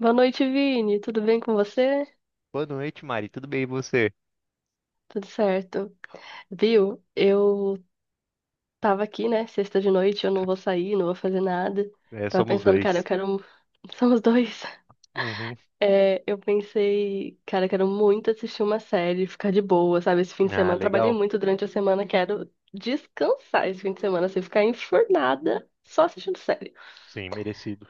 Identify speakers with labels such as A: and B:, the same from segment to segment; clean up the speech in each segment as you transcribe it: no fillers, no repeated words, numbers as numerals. A: Boa noite, Vini. Tudo bem com você?
B: Boa noite, Mari. Tudo bem e você?
A: Tudo certo. Viu? Eu tava aqui, né? Sexta de noite, eu não vou sair, não vou fazer nada.
B: É,
A: Tava
B: somos
A: pensando, cara, eu
B: dois.
A: quero. Somos dois.
B: Uhum.
A: É, eu pensei, cara, eu quero muito assistir uma série, ficar de boa, sabe? Esse fim de
B: Ah,
A: semana, eu trabalhei
B: legal.
A: muito durante a semana, quero descansar esse fim de semana, assim, ficar enfurnada só assistindo série.
B: Sim, merecido.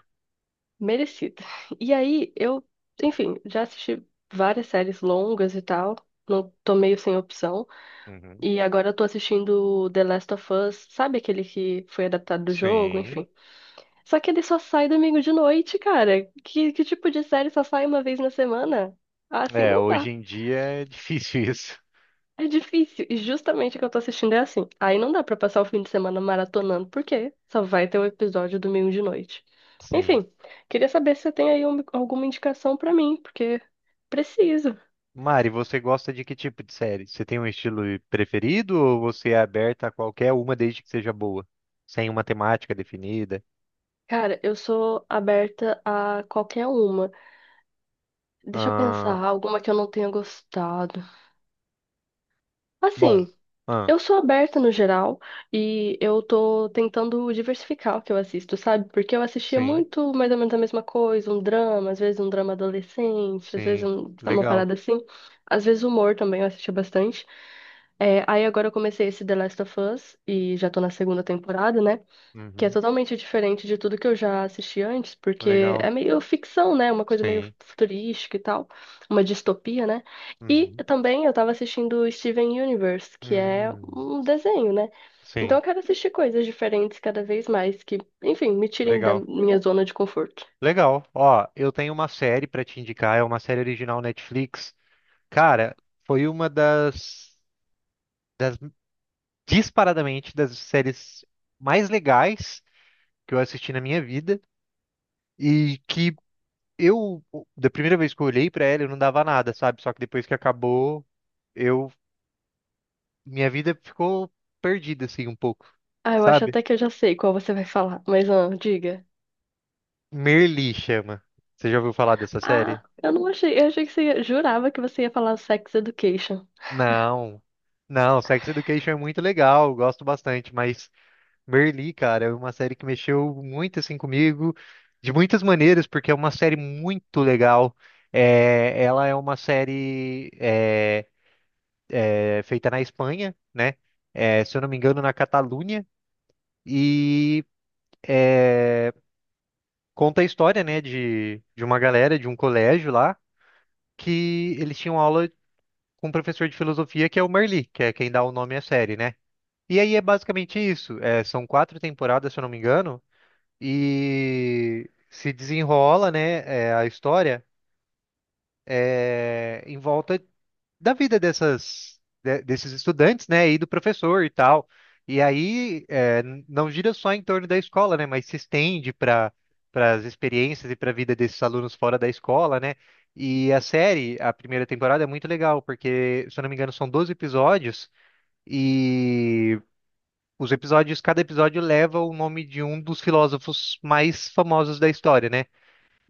A: Merecida. E aí, eu, enfim, já assisti várias séries longas e tal, não tô meio sem opção.
B: Uhum.
A: E agora eu tô assistindo The Last of Us, sabe aquele que foi adaptado do jogo,
B: Sim.
A: enfim. Só que ele só sai domingo de noite, cara. Que tipo de série só sai uma vez na semana? Ah, assim
B: É,
A: não
B: hoje
A: dá.
B: em dia é difícil isso.
A: É difícil. E justamente o que eu tô assistindo é assim. Aí não dá pra passar o fim de semana maratonando, porque só vai ter o episódio domingo de noite.
B: Sim.
A: Enfim, queria saber se você tem alguma indicação pra mim, porque preciso.
B: Mari, você gosta de que tipo de série? Você tem um estilo preferido ou você é aberta a qualquer uma desde que seja boa? Sem uma temática definida?
A: Cara, eu sou aberta a qualquer uma. Deixa eu
B: Ah,
A: pensar, alguma que eu não tenha gostado.
B: bom.
A: Assim,
B: Ah,
A: eu sou aberta no geral e eu tô tentando diversificar o que eu assisto, sabe? Porque eu assistia
B: sim,
A: muito mais ou menos a mesma coisa, um drama, às vezes um drama adolescente, às vezes
B: sim.
A: uma
B: Legal.
A: parada assim. Às vezes humor também eu assistia bastante. É, aí agora eu comecei esse The Last of Us e já tô na segunda temporada, né? Que é
B: Uhum.
A: totalmente diferente de tudo que eu já assisti antes, porque é
B: Legal.
A: meio ficção, né? Uma coisa meio
B: Sim.
A: futurística e tal, uma distopia, né? E
B: Uhum.
A: também eu tava assistindo Steven Universe, que é
B: Hum,
A: um desenho, né? Então
B: sim.
A: eu quero assistir coisas diferentes cada vez mais, enfim, me tirem da
B: Legal.
A: minha zona de conforto.
B: Legal. Ó, eu tenho uma série pra te indicar, é uma série original Netflix. Cara, foi uma das disparadamente das séries mais legais que eu assisti na minha vida e que eu da primeira vez que eu olhei pra ela, eu não dava nada, sabe? Só que depois que acabou, eu minha vida ficou perdida assim um pouco,
A: Ah, eu acho
B: sabe?
A: até que eu já sei qual você vai falar, mas ah, diga.
B: Merli chama. Você já ouviu falar dessa série?
A: Ah, eu não achei, eu achei que você ia- jurava que você ia falar Sex Education.
B: Não. Não, Sex Education é muito legal, eu gosto bastante, mas Merli, cara, é uma série que mexeu muito assim comigo, de muitas maneiras, porque é uma série muito legal. Ela é uma série feita na Espanha, né? É, se eu não me engano, na Catalunha, e conta a história, né, de uma galera de um colégio lá que eles tinham aula com um professor de filosofia que é o Merli, que é quem dá o nome à série, né? E aí é basicamente isso. É, são quatro temporadas, se eu não me engano. E se desenrola, né, é, a história é, em volta da vida desses estudantes, né, e do professor e tal. E aí é, não gira só em torno da escola, né, mas se estende para as experiências e para a vida desses alunos fora da escola, né? E a série, a primeira temporada é muito legal porque, se eu não me engano, são 12 episódios e os episódios, cada episódio leva o nome de um dos filósofos mais famosos da história, né?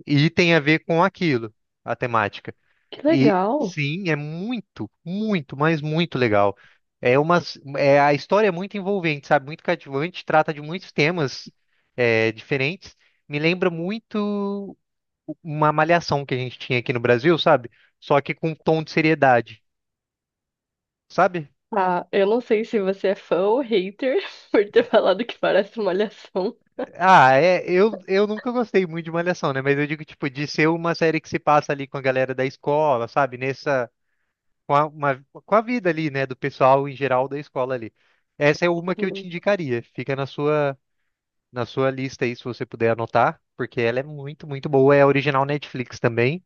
B: E tem a ver com aquilo, a temática.
A: Que
B: E
A: legal.
B: sim, é muito, muito, mas muito legal. É uma, é, a história é muito envolvente, sabe? Muito cativante, trata de muitos temas é, diferentes. Me lembra muito uma malhação que a gente tinha aqui no Brasil, sabe? Só que com um tom de seriedade, sabe?
A: Ah, eu não sei se você é fã ou hater por ter falado que parece uma malhação.
B: Ah, é, eu nunca gostei muito de malhação, né? Mas eu digo, tipo, de ser uma série que se passa ali com a galera da escola, sabe? Nessa com a vida ali, né, do pessoal em geral da escola ali. Essa é uma que eu te
A: Sim.
B: indicaria. Fica na sua lista aí se você puder anotar, porque ela é muito, muito boa, é original Netflix também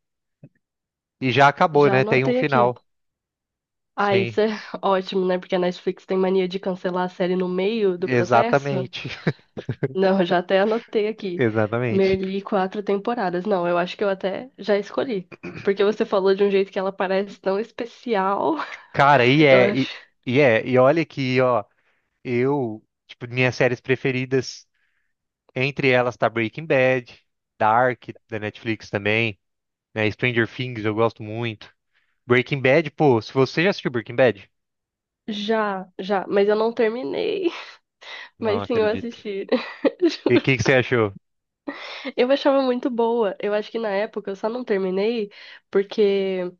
B: e já acabou,
A: Já
B: né? Tem um
A: anotei aqui.
B: final.
A: Ah,
B: Sim,
A: isso é ótimo, né? Porque a Netflix tem mania de cancelar a série no meio do processo.
B: exatamente.
A: Não, já até anotei aqui.
B: Exatamente.
A: Merli, quatro temporadas. Não, eu acho que eu até já escolhi. Porque você falou de um jeito que ela parece tão especial.
B: Cara, e
A: Eu
B: é e,
A: acho.
B: e é, e olha que, ó, eu, tipo, minhas séries preferidas, entre elas tá Breaking Bad, Dark da Netflix também, né? Stranger Things eu gosto muito. Breaking Bad, pô, se você já assistiu Breaking Bad?
A: Já, já. Mas eu não terminei.
B: Não
A: Mas sim, eu
B: acredito.
A: assisti.
B: E o que que você achou?
A: Eu achava muito boa. Eu acho que na época eu só não terminei porque,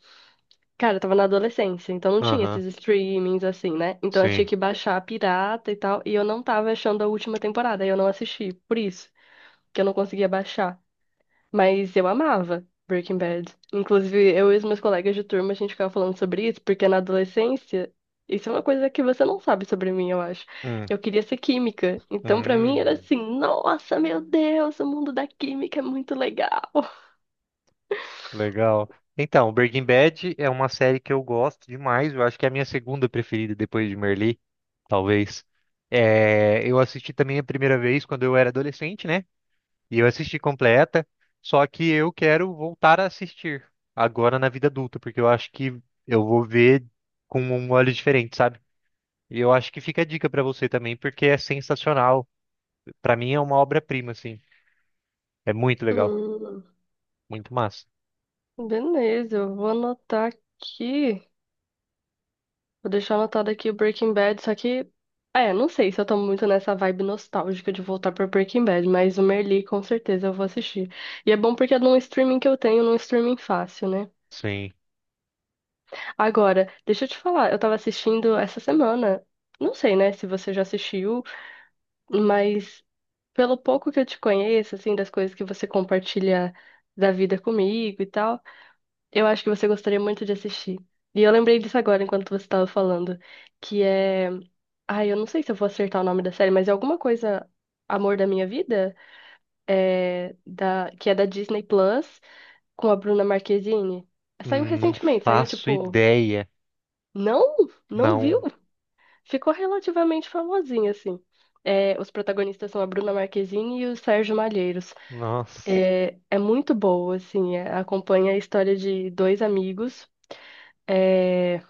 A: cara, eu tava na adolescência, então não tinha
B: Aham,
A: esses streamings assim, né? Então eu tinha
B: sim.
A: que baixar a pirata e tal, e eu não tava achando a última temporada, aí eu não assisti, por isso que eu não conseguia baixar. Mas eu amava Breaking Bad. Inclusive, eu e os meus colegas de turma, a gente ficava falando sobre isso, porque na adolescência, isso é uma coisa que você não sabe sobre mim, eu acho.
B: Hum,
A: Eu queria ser química. Então, pra mim, era
B: hum,
A: assim: nossa, meu Deus, o mundo da química é muito legal.
B: legal. Então, Breaking Bad é uma série que eu gosto demais. Eu acho que é a minha segunda preferida depois de Merli, talvez. É, eu assisti também a primeira vez quando eu era adolescente, né? E eu assisti completa. Só que eu quero voltar a assistir agora na vida adulta, porque eu acho que eu vou ver com um olho diferente, sabe? E eu acho que fica a dica pra você também, porque é sensacional. Pra mim é uma obra-prima, assim. É muito legal,
A: Hum,
B: muito massa.
A: beleza, eu vou anotar aqui. Vou deixar anotado aqui o Breaking Bad, só que. É, não sei se eu tô muito nessa vibe nostálgica de voltar pra Breaking Bad, mas o Merli com certeza eu vou assistir. E é bom porque é num streaming que eu tenho, num streaming fácil, né?
B: Sim.
A: Agora, deixa eu te falar, eu tava assistindo essa semana. Não sei, né, se você já assistiu, mas pelo pouco que eu te conheço, assim, das coisas que você compartilha da vida comigo e tal. Eu acho que você gostaria muito de assistir. E eu lembrei disso agora enquanto você estava falando, que é, ai, eu não sei se eu vou acertar o nome da série, mas é alguma coisa Amor da Minha Vida, é da que é da Disney Plus com a Bruna Marquezine. Saiu
B: Não
A: recentemente, saiu
B: faço
A: tipo,
B: ideia.
A: não, não viu?
B: Não.
A: Ficou relativamente famosinha assim. É, os protagonistas são a Bruna Marquezine e o Sérgio Malheiros.
B: Nossa.
A: É muito boa, assim, é, acompanha a história de dois amigos. é,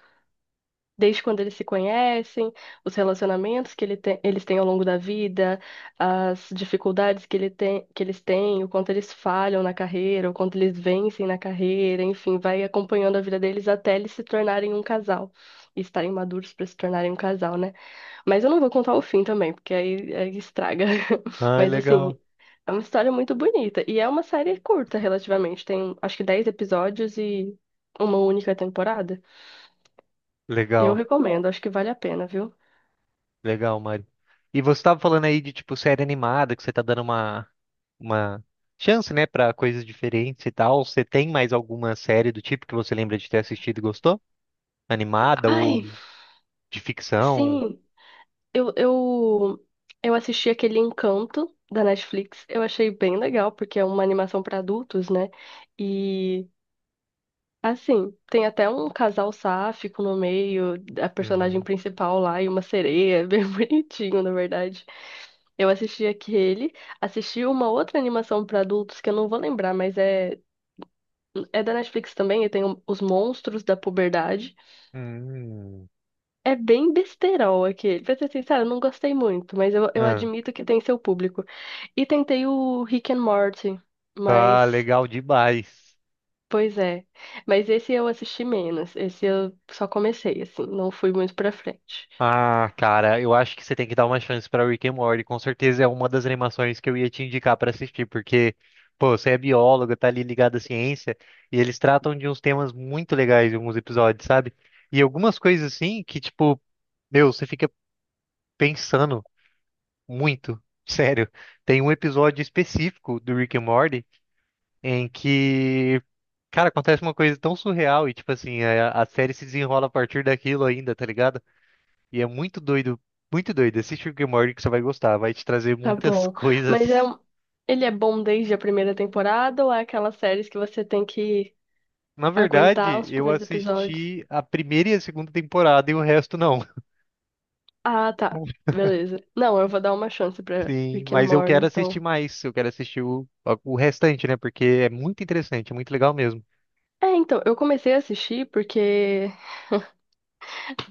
A: Desde quando eles se conhecem, os relacionamentos que eles têm ao longo da vida, as dificuldades que, que eles têm, o quanto eles falham na carreira, o quanto eles vencem na carreira, enfim, vai acompanhando a vida deles até eles se tornarem um casal. E estarem maduros para se tornarem um casal, né? Mas eu não vou contar o fim também, porque aí estraga.
B: Ai,
A: Mas assim,
B: legal.
A: é uma história muito bonita. E é uma série curta, relativamente. Tem acho que 10 episódios e uma única temporada. Eu
B: Legal.
A: recomendo, acho que vale a pena, viu?
B: Legal, Mari. E você estava falando aí de tipo série animada, que você tá dando uma uma chance, né, pra coisas diferentes e tal. Você tem mais alguma série do tipo que você lembra de ter assistido e gostou? Animada ou
A: Ai,
B: de ficção?
A: sim, eu, eu, eu assisti aquele Encanto da Netflix. Eu achei bem legal, porque é uma animação para adultos, né? E, assim, tem até um casal sáfico no meio, a personagem
B: Uhum.
A: principal lá e uma sereia, bem bonitinho, na verdade. Eu assisti aquele, assisti uma outra animação para adultos que eu não vou lembrar, mas é, é da Netflix também, e tem Os Monstros da Puberdade.
B: Hum.
A: É bem besterol aquele. Pra ser sincero, eu não gostei muito, mas eu admito que tem seu público. E tentei o Rick and Morty,
B: Ah,
A: mas.
B: legal demais.
A: Pois é. Mas esse eu assisti menos. Esse eu só comecei, assim. Não fui muito pra frente.
B: Ah, cara, eu acho que você tem que dar uma chance pra Rick and Morty. Com certeza é uma das animações que eu ia te indicar pra assistir, porque, pô, você é bióloga, tá ali ligado à ciência, e eles tratam de uns temas muito legais em alguns episódios, sabe? E algumas coisas assim que, tipo, meu, você fica pensando muito. Sério, tem um episódio específico do Rick and Morty em que, cara, acontece uma coisa tão surreal e, tipo assim, a série se desenrola a partir daquilo ainda, tá ligado? E é muito doido, muito doido. Assiste o Rick and Morty que você vai gostar, vai te trazer
A: Tá
B: muitas
A: bom. Mas é,
B: coisas.
A: ele é bom desde a primeira temporada ou é aquelas séries que você tem que
B: Na
A: aguentar
B: verdade,
A: os
B: eu
A: primeiros episódios?
B: assisti a primeira e a segunda temporada e o resto não.
A: Ah, tá. Beleza. Não, eu vou dar uma chance pra
B: Sim,
A: Rick and
B: mas eu
A: Morty,
B: quero assistir
A: então.
B: mais. Eu quero o restante, né? Porque é muito interessante, é muito legal mesmo.
A: É, então, eu comecei a assistir porque.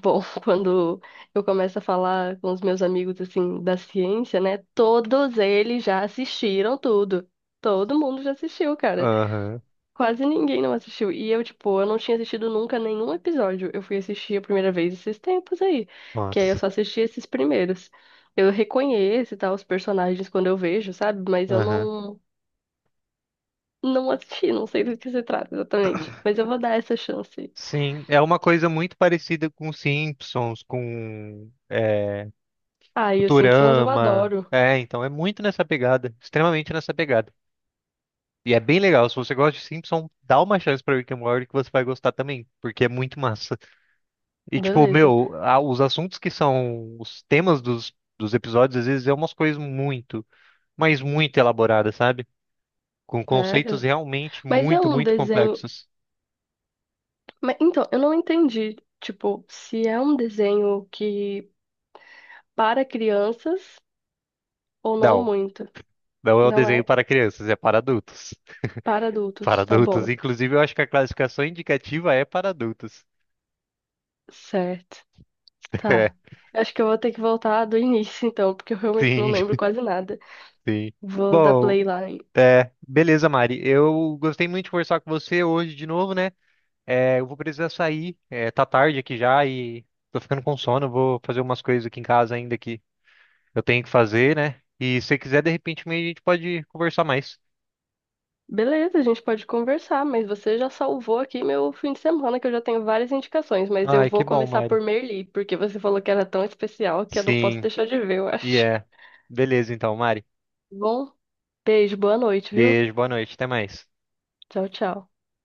A: Bom, quando eu começo a falar com os meus amigos assim da ciência, né? Todos eles já assistiram tudo. Todo mundo já assistiu, cara.
B: Aham,
A: Quase ninguém não assistiu. E eu, tipo, eu não tinha assistido nunca nenhum episódio. Eu fui assistir a primeira vez esses tempos aí, que aí eu
B: nossa.
A: só assisti esses primeiros. Eu reconheço e tal os personagens quando eu vejo, sabe? Mas eu
B: Aham.
A: não não assisti, não sei do que se trata exatamente. Mas eu vou dar essa chance.
B: Sim, é uma coisa muito parecida com Simpsons,
A: Ah, e os Simpsons eu
B: Futurama.
A: adoro.
B: É, então é muito nessa pegada, extremamente nessa pegada. E é bem legal. Se você gosta de Simpson, dá uma chance pra Rick and Morty que você vai gostar também, porque é muito massa. E tipo,
A: Beleza.
B: meu, os assuntos que são os temas dos episódios, às vezes é umas coisas muito, mas muito elaboradas, sabe? Com conceitos
A: Sério?
B: realmente
A: Mas é
B: muito,
A: um
B: muito
A: desenho.
B: complexos.
A: Mas, então, eu não entendi, tipo, se é um desenho que para crianças ou não
B: Não,
A: muito.
B: não é um
A: Não
B: desenho
A: é
B: para crianças, é para adultos.
A: para
B: Para
A: adultos, tá
B: adultos.
A: bom.
B: Inclusive, eu acho que a classificação indicativa é para adultos.
A: Certo.
B: É,
A: Tá. Eu acho que eu vou ter que voltar do início, então, porque eu realmente não
B: sim,
A: lembro quase nada.
B: sim.
A: Vou dar
B: Bom,
A: play lá.
B: beleza, Mari. Eu gostei muito de conversar com você hoje de novo, né? É, eu vou precisar sair. É, tá tarde aqui já e tô ficando com sono. Eu Vou fazer umas coisas aqui em casa ainda que eu tenho que fazer, né? E se você quiser, de repente, meio a gente pode conversar mais.
A: Beleza, a gente pode conversar, mas você já salvou aqui meu fim de semana, que eu já tenho várias indicações, mas eu
B: Ai, que
A: vou
B: bom,
A: começar
B: Mari.
A: por Merli, porque você falou que era tão especial que eu não posso
B: Sim,
A: deixar de ver, eu
B: e
A: acho.
B: é. Beleza, então, Mari.
A: Bom, beijo, boa noite, viu?
B: Beijo, boa noite, até mais.
A: Tchau, tchau.